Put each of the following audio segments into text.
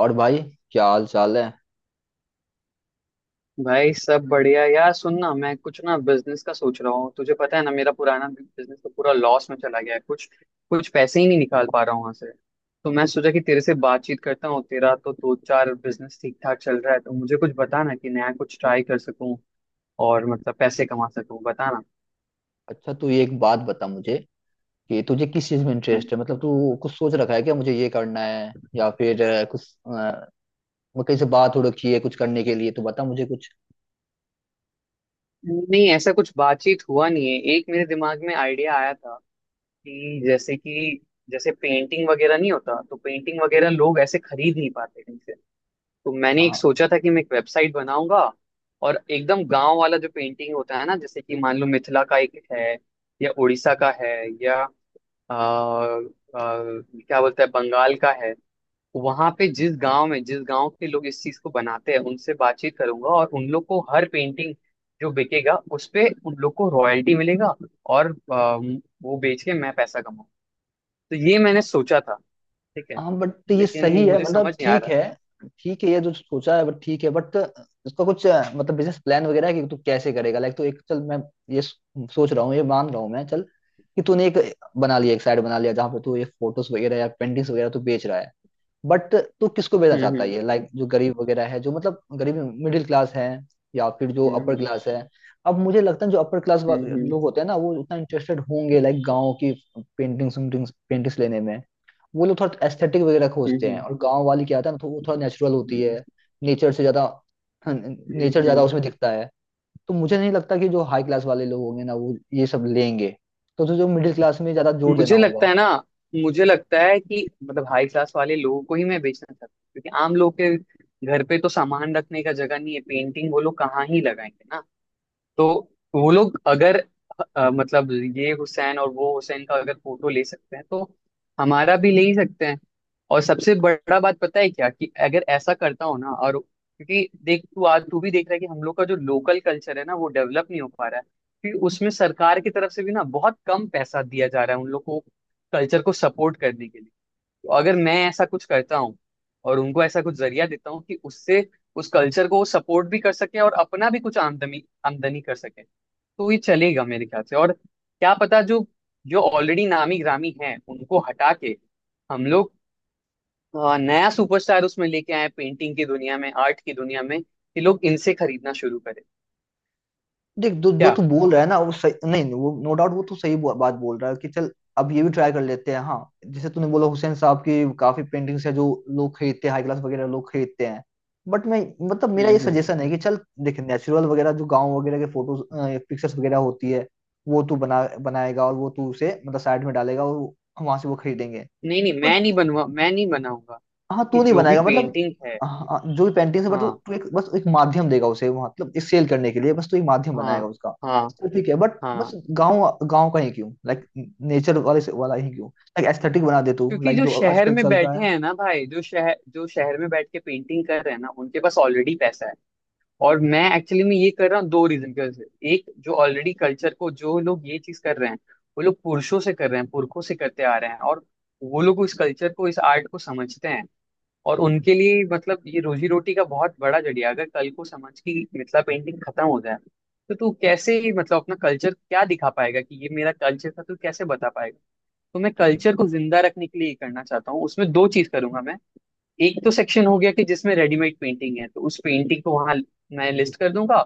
और भाई, क्या हाल चाल है। भाई सब बढ़िया यार। सुन ना, मैं कुछ ना बिजनेस का सोच रहा हूँ। तुझे पता है ना मेरा पुराना बिजनेस तो पूरा लॉस में चला गया है। कुछ कुछ पैसे ही नहीं निकाल पा रहा हूँ वहां से। तो मैं सोचा कि तेरे से बातचीत करता हूँ। तेरा तो दो चार बिजनेस ठीक ठाक चल रहा है तो मुझे कुछ बता ना कि नया कुछ ट्राई कर सकूँ और मतलब पैसे कमा सकूँ। बता ना। अच्छा, तू ये एक बात बता मुझे कि तुझे किस चीज में इंटरेस्ट है, मतलब तू कुछ सोच रखा है क्या, मुझे ये करना है या फिर कुछ अ, मैं कहीं से बात हो रखी है कुछ करने के लिए तो बता मुझे कुछ। नहीं, ऐसा कुछ बातचीत हुआ नहीं है। एक मेरे दिमाग में आइडिया आया था कि जैसे पेंटिंग वगैरह नहीं होता तो पेंटिंग वगैरह लोग ऐसे खरीद नहीं पाते कहीं से। तो मैंने एक हाँ, सोचा था कि मैं एक वेबसाइट बनाऊंगा। और एकदम गांव वाला जो पेंटिंग होता है ना, जैसे कि मान लो मिथिला का एक है, या उड़ीसा का है, या आ, आ, क्या बोलते हैं बंगाल का है। वहां पे जिस गांव के लोग इस चीज को बनाते हैं उनसे बातचीत करूंगा, और उन लोग को हर पेंटिंग जो बिकेगा उस पे उन लोग को रॉयल्टी मिलेगा। और वो बेच के मैं पैसा कमाऊँ। तो ये मैंने हाँ, सोचा था। ठीक है। हाँ, बट ये सही लेकिन है, मुझे मतलब समझ नहीं आ ठीक रहा है। है। ठीक है ये जो सोचा है, बट ठीक है। बट इसका कुछ मतलब बिजनेस प्लान वगैरह है कि तू कैसे करेगा, लाइक तो एक चल, मैं ये सोच रहा हूँ, ये मान रहा हूँ मैं, चल कि तूने एक बना लिया, एक साइड बना लिया जहाँ पे तू ये फोटोज वगैरह या पेंटिंग्स वगैरह तू बेच रहा है। बट तू किसको भेजना चाहता है हम्म ये, लाइक जो गरीब वगैरह है, जो मतलब गरीब, मिडिल क्लास है या फिर जो हम्म। अपर हम्म। क्लास है। अब मुझे लगता है जो अपर क्लास हम्म। हम्म। लोग होते हैं ना, वो उतना इंटरेस्टेड होंगे, लाइक गांव की पेंटिंग्स पेंटिंग्स पेंटिंग्स लेने में। वो लोग थोड़ा एस्थेटिक वगैरह खोजते हैं, हम्म। और गांव वाली क्या होता है ना, तो वो थोड़ा नेचुरल होती हम्म। है। नेचर से ज्यादा, हम्म। नेचर ज्यादा हम्म। उसमें दिखता है। तो मुझे नहीं लगता कि जो हाई क्लास वाले लोग होंगे ना, वो ये सब लेंगे। तो तुझे जो मिडिल क्लास में ज्यादा हम्म। जोर देना मुझे लगता होगा। है ना, मुझे लगता है कि मतलब हाई क्लास वाले लोगों को ही मैं बेचना चाहता हूँ, क्योंकि आम लोग के घर पे तो सामान रखने का जगह नहीं है, पेंटिंग वो लोग कहाँ ही लगाएंगे ना। तो वो लोग अगर मतलब ये हुसैन और वो हुसैन का अगर फोटो ले सकते हैं तो हमारा भी ले ही सकते हैं। और सबसे बड़ा बात पता है क्या कि अगर ऐसा करता हो ना, और क्योंकि देख तू आज तू भी देख रहा है कि हम लोग का जो लोकल कल्चर है ना वो डेवलप नहीं हो पा रहा है, क्योंकि उसमें सरकार की तरफ से भी ना बहुत कम पैसा दिया जा रहा है उन लोग को कल्चर को सपोर्ट करने के लिए। तो अगर मैं ऐसा कुछ करता हूँ और उनको ऐसा कुछ जरिया देता हूँ कि उससे उस कल्चर को वो सपोर्ट भी कर सके और अपना भी कुछ आमदनी आमदनी कर सके। तो ये चलेगा मेरे ख्याल से। और क्या पता, जो जो ऑलरेडी नामी ग्रामी हैं उनको हटा के हम लोग नया सुपरस्टार उसमें लेके आए पेंटिंग की दुनिया में, आर्ट की दुनिया में, कि लोग इनसे खरीदना शुरू करें। देख, जो जो क्या। तू बोल रहा है ना, वो सही, नहीं नहीं, वो नो डाउट वो तू सही बात बोल रहा है कि चल। अब ये भी ट्राई कर लेते हैं, हाँ, जैसे तूने बोला, हुसैन साहब की काफी पेंटिंग्स है जो लोग खरीदते हैं, हाई क्लास वगैरह लोग खरीदते हैं। बट मैं, मतलब मेरा हम्म। ये हम्म। सजेशन है कि चल, देख नेचुरल वगैरह जो गांव वगैरह के फोटोज, पिक्चर्स वगैरह होती है, वो तू बनाएगा, और वो तू उसे मतलब साइड में डालेगा, और वहां से वो खरीदेंगे। नहीं नहीं, बट मैं नहीं बनाऊंगा, हाँ, कि तू नहीं जो भी बनाएगा मतलब, पेंटिंग है। हाँ, जो भी पेंटिंग है, बट तू हाँ। तू एक बस एक माध्यम देगा उसे वहाँ, मतलब एक सेल करने के लिए बस तू एक माध्यम हाँ। बनाएगा उसका। हाँ। तो ठीक है बट बस, हाँ। गांव गांव का ही क्यों, लाइक नेचर वाले से वाला ही क्यों, लाइक एस्थेटिक बना दे तू, क्योंकि लाइक जो जो शहर आजकल में चल रहा बैठे है। हैं ना भाई, जो शहर में बैठ के पेंटिंग कर रहे हैं ना उनके पास ऑलरेडी पैसा है। और मैं एक्चुअली में ये कर रहा हूँ दो रीजन की वजह से। एक, जो ऑलरेडी कल्चर को जो लोग ये चीज कर रहे हैं वो लोग पुरुषों से कर रहे हैं, पुरखों से करते आ रहे हैं, और वो लोग इस कल्चर को इस आर्ट को समझते हैं। और उनके लिए मतलब ये रोजी रोटी का बहुत बड़ा जरिया है। अगर कल को समझ की मिथिला पेंटिंग खत्म हो जाए तो तू कैसे मतलब अपना कल्चर क्या दिखा पाएगा कि ये मेरा कल्चर था, तू कैसे बता। तो मैं कल्चर को जिंदा रखने के लिए ये करना चाहता हूँ। उसमें दो चीज करूंगा मैं। एक तो सेक्शन हो गया कि जिसमें रेडीमेड पेंटिंग है तो उस पेंटिंग को वहां मैं लिस्ट कर दूंगा।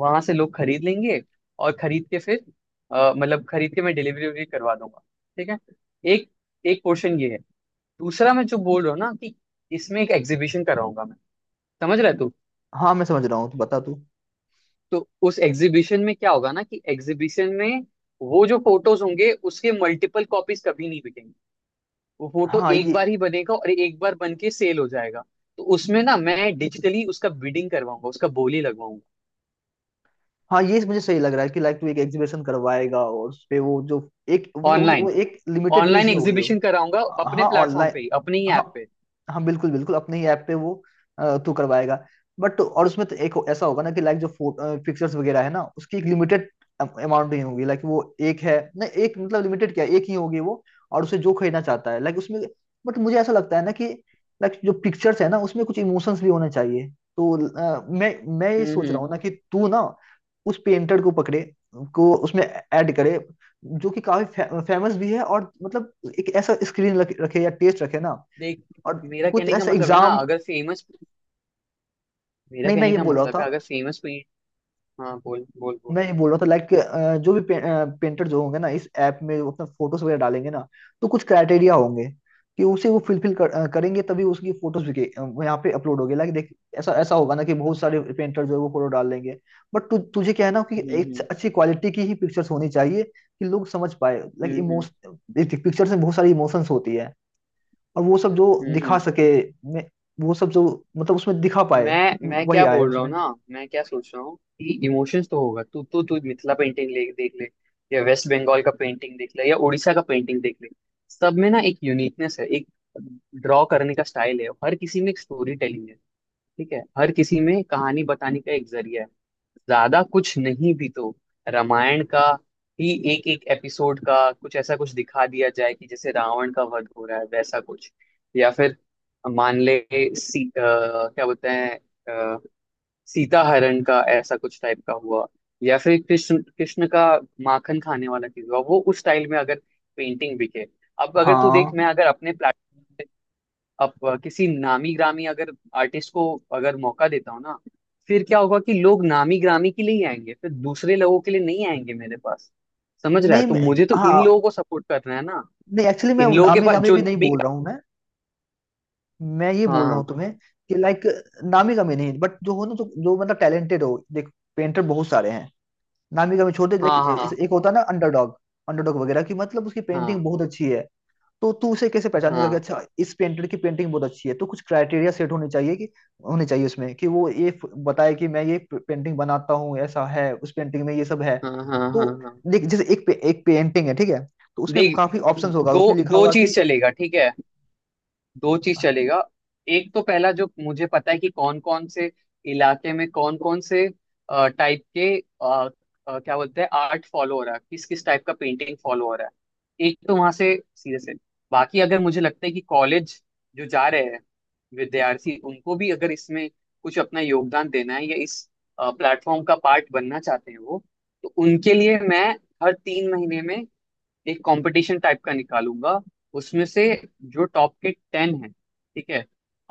वहां से लोग खरीद लेंगे। और खरीद के फिर मतलब खरीद के मैं डिलीवरी वगैरह करवा दूंगा। ठीक है। एक एक पोर्शन ये है। दूसरा, मैं जो बोल रहा हूँ ना कि इसमें एक एग्जीबिशन कराऊंगा मैं। समझ रहा है तू। हाँ, मैं समझ रहा हूँ, तू बता तू। तो उस एग्जीबिशन में क्या होगा ना कि एग्जीबिशन में वो जो फोटोज होंगे उसके मल्टीपल कॉपीज कभी नहीं बिकेंगे। वो फोटो हाँ एक ये बार ही बनेगा और एक बार बन के सेल हो जाएगा। तो उसमें ना मैं डिजिटली उसका बिडिंग करवाऊंगा, उसका बोली लगवाऊंगा हाँ, ये मुझे सही लग रहा है कि लाइक तू एक एग्जीबिशन करवाएगा, और उस पे वो जो एक, मतलब उस, वो ऑनलाइन। एक लिमिटेड पीस ऑनलाइन ही होगी वो। एग्जीबिशन कराऊंगा अपने हाँ, प्लेटफॉर्म ऑनलाइन। पे ही, अपने ही हाँ, ऐप पे। हाँ, बिल्कुल, बिल्कुल, अपने ही ऐप पे वो तू करवाएगा। बट और उसमें तो एक ऐसा होगा ना कि लाइक जो पिक्चर्स वगैरह है ना, उसकी एक लिमिटेड अमाउंट ही होगी, लाइक वो एक है ना, एक मतलब लिमिटेड क्या है, एक ही होगी वो। और उसे जो खरीदना चाहता है लाइक उसमें, बट मुझे ऐसा लगता है ना कि लाइक जो पिक्चर्स है ना, उसमें कुछ इमोशंस भी होने चाहिए। तो अ, मैं मैं ये हम्म। सोच हम्म। रहा हूँ ना कि तू ना उस पेंटर को पकड़े, को उसमें ऐड करे, जो कि काफी फेमस भी है, और मतलब एक ऐसा स्क्रीन रखे या टेस्ट रखे ना, देख। और मेरा कुछ कहने का ऐसा मतलब है ना एग्जाम। अगर फेमस मेरा नहीं, मैं कहने ये का बोल रहा मतलब था है अगर फेमस पेंट। हाँ, बोल बोल बोल। मैं ये बोल रहा था लाइक जो भी पेंटर जो होंगे ना इस ऐप में, वो अपना फोटोज वगैरह डालेंगे ना, तो कुछ क्राइटेरिया होंगे कि उसे वो फिलफिल करेंगे, तभी उसकी फोटोज भी यहाँ पे अपलोड होगी, लाइक देख। ऐसा ऐसा होगा ना कि बहुत सारे पेंटर जो है, वो फोटो डाल लेंगे। बट तुझे क्या है ना कि हम्म। एक हम्म। अच्छी क्वालिटी की ही पिक्चर्स होनी चाहिए, कि लोग समझ पाए, लाइक हम्म। हम्म। इमोश पिक्चर्स में बहुत सारी इमोशंस होती है, और वो सब जो हम्म। दिखा हम्म। सके, मैं, वो सब जो मतलब उसमें दिखा पाए, मैं वही क्या आए बोल रहा हूँ उसमें। ना मैं क्या सोच रहा हूँ कि इमोशंस तो होगा, तू मिथिला पेंटिंग ले देख ले, या वेस्ट बंगाल का पेंटिंग देख ले, या उड़ीसा का पेंटिंग देख ले। सब में ना एक यूनिकनेस है, एक ड्रॉ करने का स्टाइल है, हर किसी में एक स्टोरी टेलिंग है। ठीक है, हर किसी में कहानी बताने का एक जरिया है। ज्यादा कुछ नहीं भी तो रामायण का ही एक एक एपिसोड का कुछ ऐसा कुछ दिखा दिया जाए कि जैसे रावण का वध हो रहा है वैसा कुछ। या फिर मान ले क्या बोलते हैं अ, सीता हरण का ऐसा कुछ टाइप का हुआ, या फिर कृष्ण कृष्ण का माखन खाने वाला चीज हुआ वो उस स्टाइल में अगर पेंटिंग बिके। अब अगर तू देख, हाँ, मैं अगर अपने प्लेटफॉर्म अब अ, किसी नामी ग्रामी अगर आर्टिस्ट को अगर मौका देता हूँ ना फिर क्या होगा कि लोग नामी ग्रामी के लिए ही आएंगे, फिर दूसरे लोगों के लिए नहीं आएंगे मेरे पास। समझ रहा है, नहीं तो मैं, मुझे तो इन हाँ, लोगों को सपोर्ट करना है ना। नहीं, एक्चुअली मैं इन लोगों के नामी पास गामी जो भी नहीं नामी बोल रहा ग्रामी। हूँ। मैं ये बोल रहा हाँ हूँ तुम्हें कि लाइक, नामी गामी नहीं, बट जो हो ना, जो जो मतलब टैलेंटेड हो। देख पेंटर बहुत सारे हैं, नामी गामी छोड़ दे, हाँ लेकिन एक हाँ एक होता है ना, अंडरडॉग। अंडरडॉग वगैरह की, मतलब उसकी पेंटिंग हाँ बहुत अच्छी है। तो तू उसे कैसे पहचानेगा कि हाँ। अच्छा, इस पेंटर की पेंटिंग बहुत अच्छी है। तो कुछ क्राइटेरिया सेट होने चाहिए, कि होने चाहिए उसमें, कि वो ये बताए कि मैं ये पेंटिंग बनाता हूँ, ऐसा है, उस पेंटिंग में ये सब है। हाँ हाँ हाँ तो हाँ हाँ। देख, जैसे एक पेंटिंग है, ठीक है। तो उसमें देख, काफी ऑप्शंस होगा, दो उसमें लिखा दो होगा कि। चीज चलेगा। ठीक है। दो चीज चलेगा। एक तो पहला जो मुझे पता है कि कौन कौन से इलाके में कौन कौन से टाइप के अ, क्या बोलते हैं आर्ट फॉलो हो रहा है, किस किस टाइप का पेंटिंग फॉलो हो रहा है, एक तो वहां से सीरियस है। बाकी अगर मुझे लगता है कि कॉलेज जो जा रहे हैं विद्यार्थी उनको भी अगर इसमें कुछ अपना योगदान देना है या इस प्लेटफॉर्म का पार्ट बनना चाहते हैं वो, तो उनके लिए मैं हर 3 महीने में एक कंपटीशन टाइप का निकालूंगा। उसमें से जो टॉप के टेन है, ठीक है,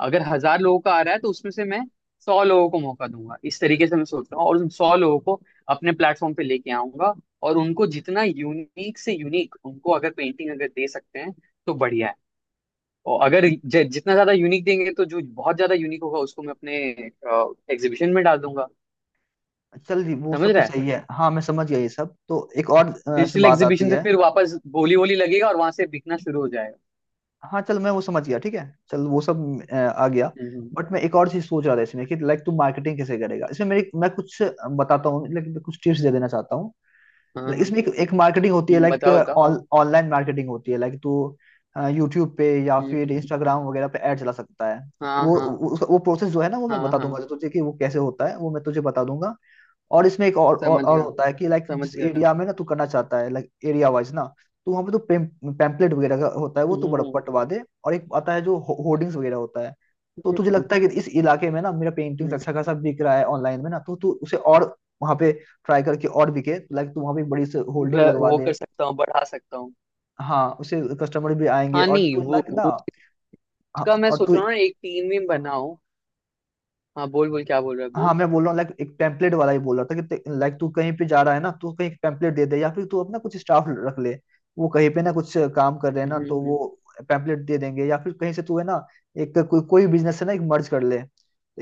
अगर 1,000 लोगों का आ रहा है तो उसमें से मैं 100 लोगों को मौका दूंगा। इस तरीके से मैं सोच रहा हूँ और उन 100 लोगों को अपने प्लेटफॉर्म पे लेके आऊंगा। और उनको जितना यूनिक से यूनिक उनको अगर पेंटिंग अगर दे सकते हैं तो बढ़िया है। और अगर जितना ज्यादा यूनिक देंगे तो जो बहुत ज्यादा यूनिक होगा उसको मैं अपने एग्जीबिशन में डाल दूंगा। चल जी, वो समझ सब तो रहा है। सही है, हाँ, मैं समझ गया। ये सब तो एक और इसमें डिजिटल बात आती एग्जीबिशन से है। फिर वापस बोली वोली लगेगा और वहां से बिकना शुरू हो जाएगा। हाँ चल, मैं वो समझ गया, ठीक है। चल वो सब आ गया। हम्म। बट मैं एक और चीज सोच रहा था इसमें, कि लाइक तू मार्केटिंग कैसे करेगा इसमें, मेरी, मैं कुछ बताता हूँ, लेकिन कुछ टिप्स दे देना चाहता हूँ। हम्म। Like, हाँ। इसमें एक मार्केटिंग होती है, हम्म, लाइक बताओ बताओ। ऑनलाइन मार्केटिंग होती है, लाइक तू यूट्यूब पे या हम्म। हम्म। फिर हम्म। इंस्टाग्राम वगैरह पे ऐड चला सकता है। हाँ हाँ वो प्रोसेस जो है ना, वो मैं हाँ बता दूंगा हाँ। तुझे कि वो कैसे होता है, वो मैं तुझे बता दूंगा। और इसमें एक और, और, समझ और गया, होता है, कि लाइक समझ जिस गया। हम्म। एरिया में ना तू करना चाहता है, लाइक एरिया वाइज ना। तो वहाँ पे तो पैम्पलेट वगैरह का होता है, वो तू बड़ा पटवा दे। और एक आता है जो होर्डिंग्स वगैरह होता है। तो तुझे हम्म। लगता है कि इस इलाके में ना मेरा पेंटिंग्स हम्म। अच्छा खासा बिक रहा है ऑनलाइन में ना, तो तू उसे और वहाँ पे ट्राई करके और बिके, लाइक तू वहाँ पे एक बड़ी से होल्डिंग लगवा वो दे। कर सकता हूँ, बढ़ा सकता हूँ। हाँ, उसे कस्टमर भी आएंगे हाँ। और नहीं, तू वो लाइक ना। वो हाँ, उसका मैं और सोच तू। रहा हूँ ना एक टीम भी बनाऊं। हाँ बोल बोल, क्या बोल रहा है, हाँ, बोल। मैं बोल रहा हूँ लाइक एक टेम्पलेट वाला ही बोल रहा था कि, लाइक तू कहीं पे जा रहा है ना, तू कहीं टेम्पलेट दे दे, या फिर तू अपना कुछ स्टाफ रख ले। वो कहीं पे ना कुछ काम कर रहे हैं ना, हम्म। तो हम्म। वो टेम्पलेट दे देंगे। या फिर कहीं से तू है ना, एक कोई कोई बिजनेस है ना, एक मर्ज कर ले,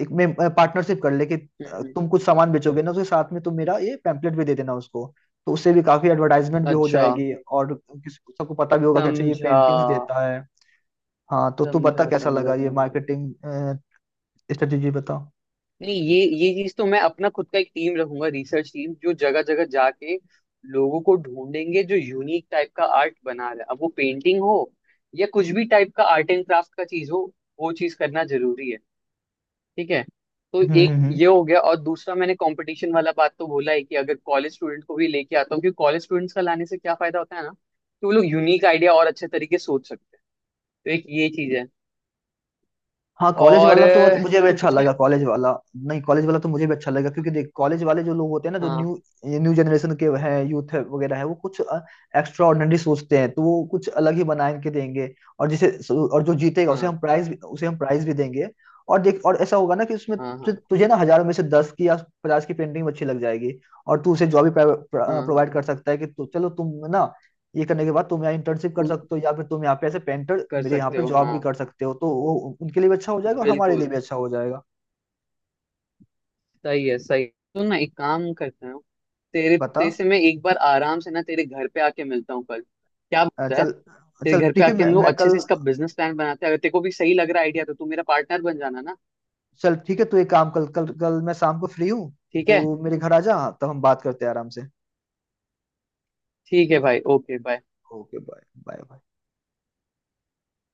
एक में पार्टनरशिप कर ले कि, हम्म। हम्म। तुम कुछ सामान बेचोगे ना, उसके साथ में तुम मेरा ये पैम्पलेट भी दे देना उसको। तो उससे भी काफी एडवर्टाइजमेंट भी हो अच्छा, जाएगी, और सबको पता भी होगा कि अच्छा, ये समझा पेंटिंग्स देता है। हाँ तो तू बता, समझा कैसा लगा समझा ये समझा। मार्केटिंग स्ट्रेटेजी, बता। नहीं, ये चीज तो मैं अपना खुद का एक टीम रखूंगा, रिसर्च टीम जो जगह जगह जाके लोगों को ढूंढेंगे जो यूनिक टाइप का आर्ट बना रहा है। अब वो पेंटिंग हो या कुछ भी टाइप का आर्ट एंड क्राफ्ट का चीज हो, वो चीज करना जरूरी है। ठीक है। तो हम्म, एक हम्म। ये हो गया, और दूसरा मैंने कंपटीशन वाला बात तो बोला है कि अगर कॉलेज स्टूडेंट को भी लेके आता हूँ, क्योंकि कॉलेज स्टूडेंट्स का लाने से क्या फायदा होता है ना कि वो लोग यूनिक आइडिया और अच्छे तरीके से सोच सकते हैं। तो एक ये चीज है। हाँ, कॉलेज और वाला तो आज मुझे भी तू अच्छा कुछ क्या। लगा, कॉलेज वाला। नहीं, कॉलेज वाला तो मुझे भी अच्छा लगा, क्योंकि देख कॉलेज वाले जो लोग होते हैं ना, जो हाँ न्यू न्यू जनरेशन के हैं, यूथ है वगैरह है, वो कुछ एक्स्ट्रा ऑर्डिनरी सोचते हैं, तो वो कुछ अलग ही बना के देंगे। और जिसे, और जो जीतेगा उसे हाँ हम प्राइज उसे हम प्राइज भी देंगे। और देख और ऐसा होगा ना कि उसमें हाँ हाँ तुझे ना हजारों में से 10 की या 50 की पेंटिंग अच्छी लग जाएगी। और तू उसे जॉब भी हाँ हाँ हाँ, हाँ। प्रोवाइड कर सकता है कि, तो चलो तुम ना, ये करने के बाद तुम यहाँ इंटर्नशिप कर सकते हो, या फिर तुम यहाँ पे ऐसे पेंटर कर मेरे यहाँ सकते पे हो, जॉब हाँ। भी कर सकते हो, तो वो उनके लिए भी अच्छा हो जाएगा और हमारे लिए बिल्कुल। भी अच्छा हो जाएगा। सही है। सही, तो ना एक काम करते हो। तेरे बता। तेरे से मैं एक बार आराम से ना तेरे घर पे आके मिलता हूँ कल, क्या बोलता है। चल तेरे चल, घर पे ठीक है आके मैं, हम लोग मैं अच्छे कल, से इसका बिजनेस प्लान बनाते हैं, अगर तेरे को भी सही लग रहा है आइडिया तो तू मेरा पार्टनर बन जाना ना। चल ठीक है तू एक काम, कल कल कल मैं शाम को फ्री हूँ। ठीक तो है। मेरे घर आ जा, हाँ, तब हम बात करते हैं आराम से। ठीक है भाई, okay bye. Okay, bye, bye, bye.